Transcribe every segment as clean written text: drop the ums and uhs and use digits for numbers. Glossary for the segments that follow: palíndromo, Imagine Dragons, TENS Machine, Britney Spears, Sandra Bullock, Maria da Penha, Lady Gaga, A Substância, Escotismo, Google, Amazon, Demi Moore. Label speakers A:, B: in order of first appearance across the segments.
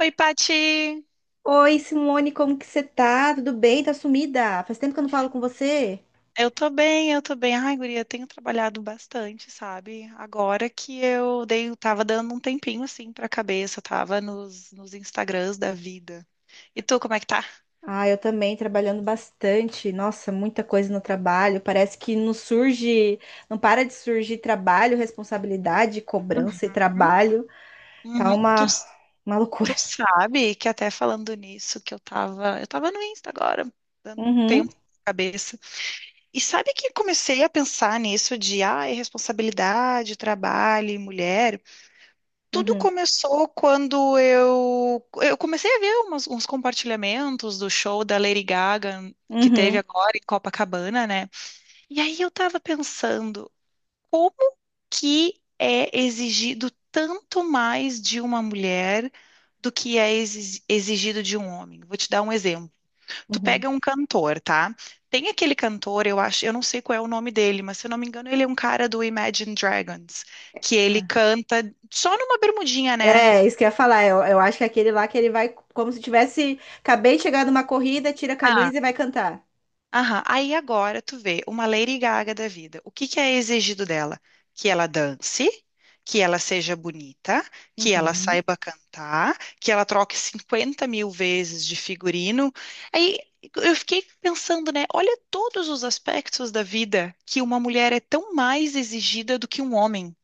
A: Oi, Pati!
B: Oi, Simone, como que você tá? Tudo bem? Tá sumida? Faz tempo que eu não falo com você.
A: Eu tô bem. Ai, guria, tenho trabalhado bastante, sabe? Agora que eu tava dando um tempinho assim pra cabeça, tava nos Instagrams da vida. E tu, como é que tá?
B: Ah, eu também, trabalhando bastante. Nossa, muita coisa no trabalho. Parece que não surge, não para de surgir trabalho, responsabilidade, cobrança e trabalho. Tá
A: Uhum. Tu,
B: uma loucura.
A: tu sabe que até falando nisso, que eu tava no Insta agora, dando um tempo
B: Uhum,
A: na cabeça. E sabe que comecei a pensar nisso de, ah, responsabilidade, trabalho e mulher. Tudo
B: uhum,
A: começou quando eu comecei a ver uns compartilhamentos do show da Lady Gaga que teve
B: uhum,
A: agora em Copacabana, né? E aí eu tava pensando, como que é exigido tanto mais de uma mulher do que é exigido de um homem? Vou te dar um exemplo. Tu
B: uhum.
A: pega um cantor, tá? Tem aquele cantor, eu acho, eu não sei qual é o nome dele, mas se eu não me engano, ele é um cara do Imagine Dragons, que ele
B: Ah.
A: canta só numa bermudinha, né?
B: É, isso que eu ia falar. Eu acho que é aquele lá que ele vai como se tivesse. Acabei de chegar numa corrida, tira a
A: Ah,
B: camisa e vai cantar.
A: aham. Aí agora tu vê uma Lady Gaga da vida. O que que é exigido dela? Que ela dance, que ela seja bonita, que ela
B: Uhum.
A: saiba cantar, que ela troque 50 mil vezes de figurino. Aí eu fiquei pensando, né? Olha todos os aspectos da vida que uma mulher é tão mais exigida do que um homem.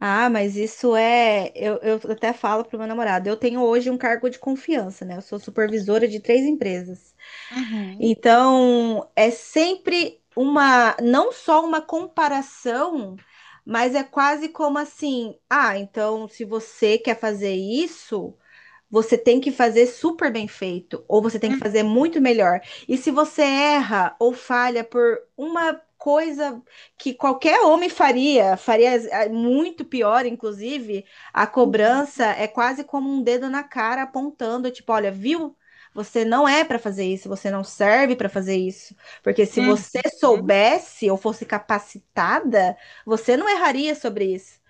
B: Ah, mas isso é. Eu até falo para o meu namorado. Eu tenho hoje um cargo de confiança, né? Eu sou supervisora de 3 empresas.
A: Uhum,
B: Então, é sempre uma. Não só uma comparação, mas é quase como assim: ah, então, se você quer fazer isso, você tem que fazer super bem feito, ou você tem que
A: uhum,
B: fazer muito melhor. E se você erra ou falha por uma coisa que qualquer homem faria, faria muito pior, inclusive, a cobrança é quase como um dedo na cara apontando, tipo, olha, viu? Você não é para fazer isso, você não serve para fazer isso. Porque se
A: uhum,
B: você
A: uhum.
B: soubesse ou fosse capacitada, você não erraria sobre isso.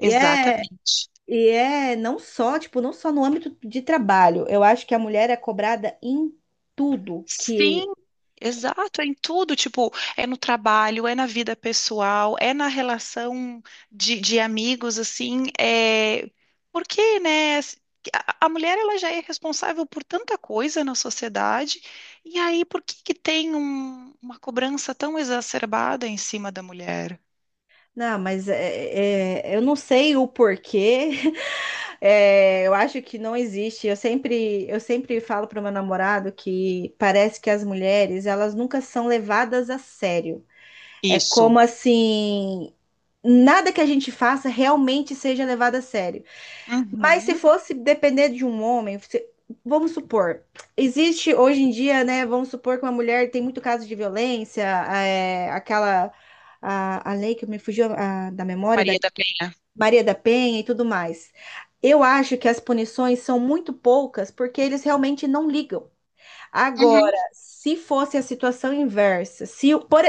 B: E é, e é não só, tipo, não só no âmbito de trabalho. Eu acho que a mulher é cobrada em tudo que.
A: Sim, exato, é em tudo, tipo, é no trabalho, é na vida pessoal, é na relação de amigos, assim, é... Porque, né, assim, a mulher, ela já é responsável por tanta coisa na sociedade, e aí por que que tem uma cobrança tão exacerbada em cima da mulher?
B: Não, mas é, é, eu não sei o porquê. É, eu acho que não existe. Eu sempre falo para o meu namorado que parece que as mulheres, elas nunca são levadas a sério. É
A: Isso.
B: como assim, nada que a gente faça realmente seja levado a sério. Mas se
A: Uhum.
B: fosse depender de um homem, vamos supor, existe hoje em dia, né? Vamos supor que uma mulher tem muito caso de violência, é, aquela a lei que me fugiu da memória da
A: Maria da Penha.
B: Maria da Penha e tudo mais. Eu acho que as punições são muito poucas porque eles realmente não ligam.
A: Uhum.
B: Agora, se fosse a situação inversa, se o- por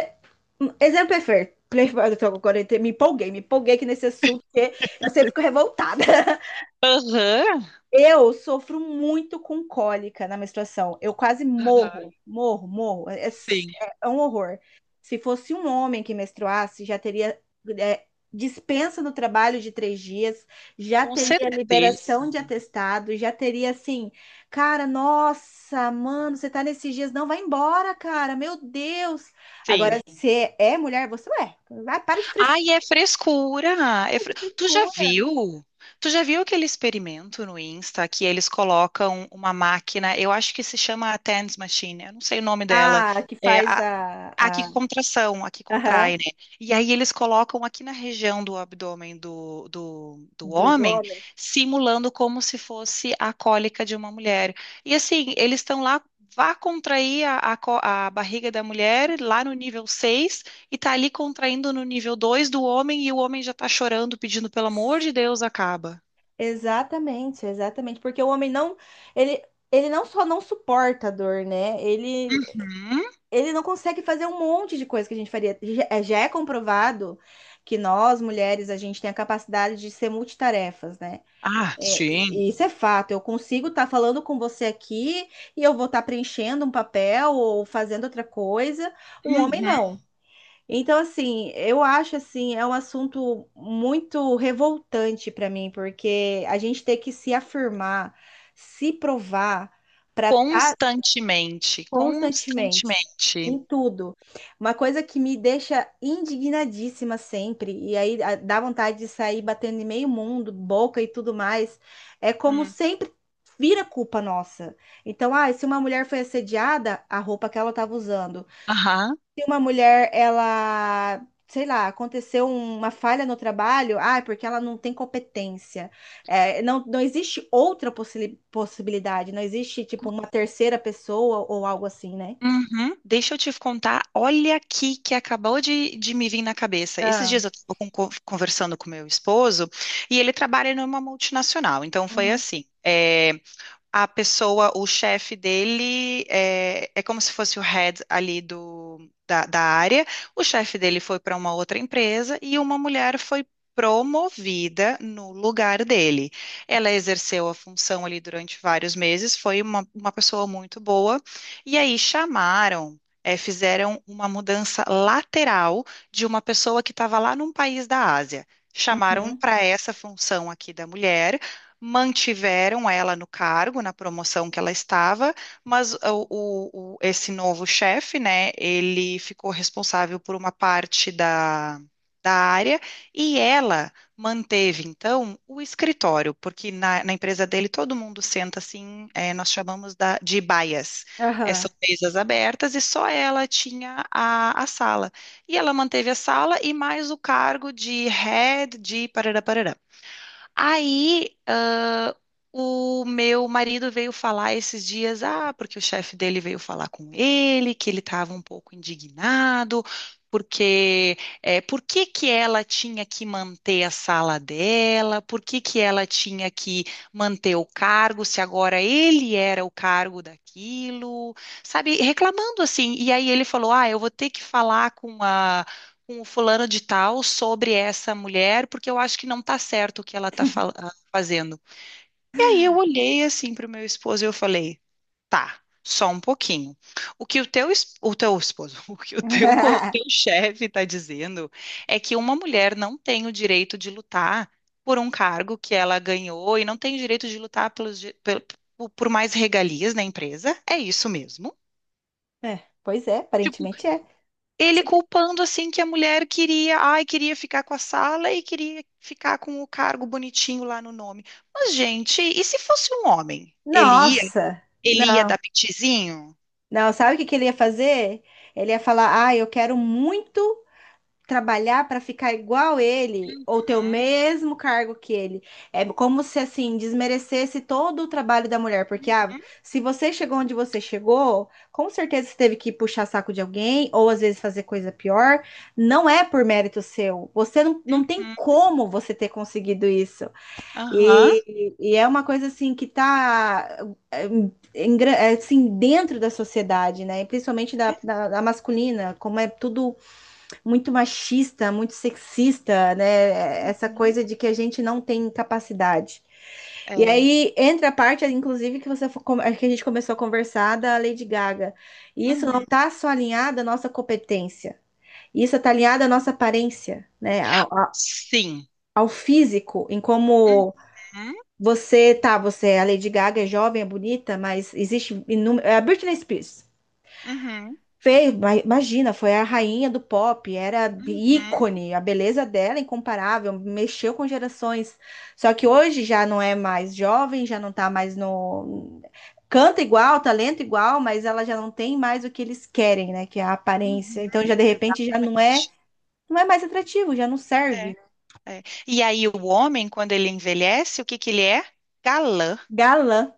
B: um exemplo é fair. Agora eu me empolguei aqui nesse assunto, porque eu sempre fico revoltada.
A: Aham.
B: Eu sofro muito com cólica na menstruação. Eu quase
A: Aham.
B: morro, morro, morro. É,
A: Sim,
B: é um horror. Se fosse um homem que menstruasse, já teria é, dispensa no trabalho de 3 dias, já
A: com
B: teria liberação de
A: certeza.
B: atestado, já teria assim, cara, nossa, mano, você tá nesses dias, não, vai embora, cara, meu Deus. Agora,
A: Sim.
B: se é mulher, você é. Vai, para de frescura,
A: Ai, é frescura.
B: de
A: Tu já
B: frescura.
A: viu? Tu já viu aquele experimento no Insta que eles colocam uma máquina, eu acho que se chama a TENS Machine, eu não sei o nome dela.
B: Ah, que
A: É,
B: faz
A: a- Aqui que contração, aqui contrai,
B: aham,
A: né? E aí eles colocam aqui na região do abdômen do
B: do
A: homem,
B: homem.
A: simulando como se fosse a cólica de uma mulher. E assim, eles estão lá, vá contrair a barriga da mulher lá no nível 6 e tá ali contraindo no nível 2 do homem e o homem já tá chorando, pedindo pelo amor de Deus, acaba.
B: Exatamente, exatamente, porque o homem não, ele, ele não só não suporta a dor, né? Ele,
A: Uhum.
B: ele não consegue fazer um monte de coisa que a gente faria. Já é comprovado que nós, mulheres, a gente tem a capacidade de ser multitarefas, né?
A: Ah,
B: É,
A: sim.
B: e isso é fato. Eu consigo estar falando com você aqui e eu vou estar preenchendo um papel ou fazendo outra coisa. Um homem
A: Uhum.
B: não. Então, assim, eu acho assim, é um assunto muito revoltante para mim, porque a gente tem que se afirmar, se provar para estar
A: Constantemente,
B: constantemente
A: constantemente.
B: em tudo. Uma coisa que me deixa indignadíssima sempre, e aí dá vontade de sair batendo em meio mundo, boca e tudo mais, é como
A: Hum.
B: sempre vira culpa nossa. Então, ah, se uma mulher foi assediada, a roupa que ela estava usando,
A: Aham.
B: se uma mulher, ela, sei lá, aconteceu uma falha no trabalho, ah, é porque ela não tem competência. É, não, não existe outra possibilidade, não existe, tipo, uma terceira pessoa ou algo assim, né?
A: Uhum. Deixa eu te contar, olha aqui que acabou de me vir na cabeça. Esses
B: Ah,
A: dias eu estava conversando com meu esposo e ele trabalha numa multinacional. Então foi
B: uhum,
A: assim. É, a pessoa, o chefe dele é, é como se fosse o head ali da, da área. O chefe dele foi para uma outra empresa e uma mulher foi promovida no lugar dele. Ela exerceu a função ali durante vários meses, foi uma pessoa muito boa, e aí chamaram. É, fizeram uma mudança lateral de uma pessoa que estava lá num país da Ásia. Chamaram
B: uhum,
A: para essa função aqui da mulher, mantiveram ela no cargo, na promoção que ela estava, mas esse novo chefe, né, ele ficou responsável por uma parte da área e ela manteve, então, o escritório, porque na empresa dele todo mundo senta assim, é, nós chamamos de baias. É,
B: aham.
A: são mesas abertas e só ela tinha a sala. E ela manteve a sala e mais o cargo de head de parará, parará. Aí, ah, o meu marido veio falar esses dias, ah, porque o chefe dele veio falar com ele, que ele estava um pouco indignado, porque é, por que que ela tinha que manter a sala dela, por que que ela tinha que manter o cargo, se agora ele era o cargo daquilo, sabe, reclamando assim. E aí ele falou, ah, eu vou ter que falar com a com o fulano de tal sobre essa mulher, porque eu acho que não tá certo o que ela tá fazendo. E aí eu olhei assim pro meu esposo e eu falei, tá, só um pouquinho. O que o o teu esposo, o que o o teu chefe tá dizendo é que uma mulher não tem o direito de lutar por um cargo que ela ganhou e não tem o direito de lutar por por mais regalias na empresa. É isso mesmo?
B: É, pois é,
A: Tipo,
B: aparentemente é.
A: ele culpando assim que a mulher queria, ai, queria ficar com a sala e queria ficar com o cargo bonitinho lá no nome. Mas, gente, e se fosse um homem? Ele ia?
B: Nossa,
A: Ele ia
B: não.
A: dar pitizinho?
B: Não, sabe o que que ele ia fazer? Ele ia falar: Ah, eu quero muito trabalhar para ficar igual ele ou ter o
A: Uhum,
B: mesmo cargo que ele. É como se assim desmerecesse todo o trabalho da mulher, porque ah,
A: uhum,
B: se você chegou onde você chegou, com certeza você teve que puxar saco de alguém ou às vezes fazer coisa pior, não é por mérito seu. Você não, não tem
A: uhum.
B: como você ter conseguido isso.
A: Aham.
B: E é uma coisa assim que tá é, assim dentro da sociedade, né? E principalmente
A: É.
B: da masculina, como é tudo muito machista, muito sexista, né? Essa
A: Uhum.
B: coisa de que a gente não tem capacidade.
A: É.
B: E aí entra a parte, inclusive, que a gente começou a conversar da Lady Gaga. E isso não
A: Uhum.
B: está só alinhado à nossa competência. Isso está alinhado à nossa aparência, né?
A: Sim.
B: Ao físico, em como
A: Uhum,
B: você tá, você, é, a Lady Gaga é jovem, é bonita, mas existe inúmero. É a Britney Spears.
A: uhum,
B: Fez, imagina, foi a rainha do pop, era
A: uhum,
B: ícone, a beleza dela é incomparável, mexeu com gerações. Só que hoje já não é mais jovem, já não tá mais no. Canta igual, talento igual, mas ela já não tem mais o que eles querem, né? Que é a
A: uhum.
B: aparência. Então já de repente já não é,
A: Exatamente.
B: não é mais atrativo, já não
A: É,
B: serve.
A: é. E aí o homem, quando ele envelhece, o que que ele é? Galã.
B: Galã,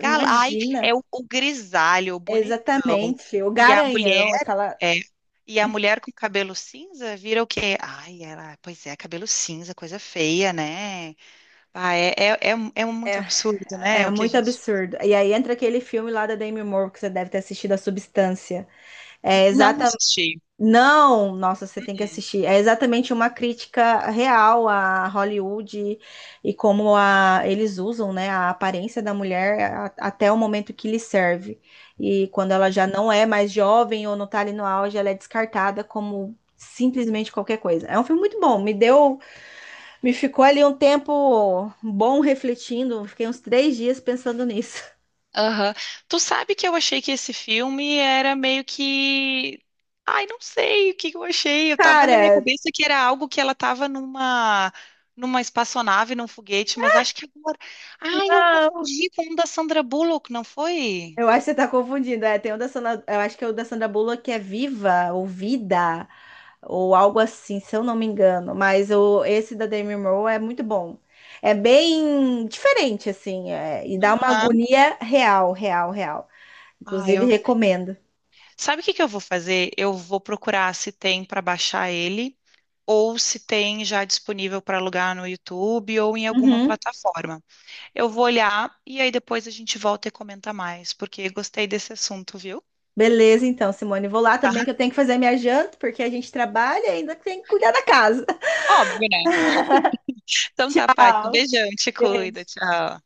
A: Gal... Ai, é o grisalho, o bonitão.
B: Exatamente, o
A: E a mulher,
B: Garanhão, aquela.
A: é, e a mulher com cabelo cinza vira o quê? Ai, ela, pois é, cabelo cinza, coisa feia, né? Ah, é, é, é, é muito absurdo, né?
B: É
A: O que a
B: muito
A: gente
B: absurdo. E aí entra aquele filme lá da Demi Moore que você deve ter assistido, A Substância. É
A: não
B: exatamente.
A: assistiu.
B: Não, nossa, você tem que assistir. É exatamente uma crítica real a Hollywood e como a, eles usam, né, a aparência da mulher até o momento que lhe serve. E quando ela já não é mais jovem ou não tá ali no auge, ela é descartada como simplesmente qualquer coisa. É um filme muito bom. Me deu, me ficou ali um tempo bom refletindo. Fiquei uns 3 dias pensando nisso.
A: Aham. Tu sabe que eu achei que esse filme era meio que. Ai, não sei o que que eu achei. Eu tava na minha cabeça que era algo que ela tava numa espaçonave, num foguete, mas acho que agora. Ai, eu
B: Cara,
A: confundi com um da Sandra Bullock, não foi?
B: eu acho que você tá confundindo. É, tem o da Sandra, eu acho que é o da Sandra Bullock que é Viva ou Vida ou algo assim, se eu não me engano. Mas o, esse da Demi Moore é muito bom. É bem diferente, assim, é, e dá uma
A: Aham.
B: agonia real, real, real.
A: Ah,
B: Inclusive,
A: eu.
B: recomendo.
A: Sabe o que que eu vou fazer? Eu vou procurar se tem para baixar ele ou se tem já disponível para alugar no YouTube ou em alguma
B: Uhum.
A: plataforma. Eu vou olhar e aí depois a gente volta e comenta mais, porque gostei desse assunto, viu?
B: Beleza, então, Simone. Vou lá também que eu tenho que fazer minha janta, porque a gente trabalha e ainda tem que cuidar da casa.
A: Óbvio, né? Então tá, Paty. Beijão, te cuida, tchau.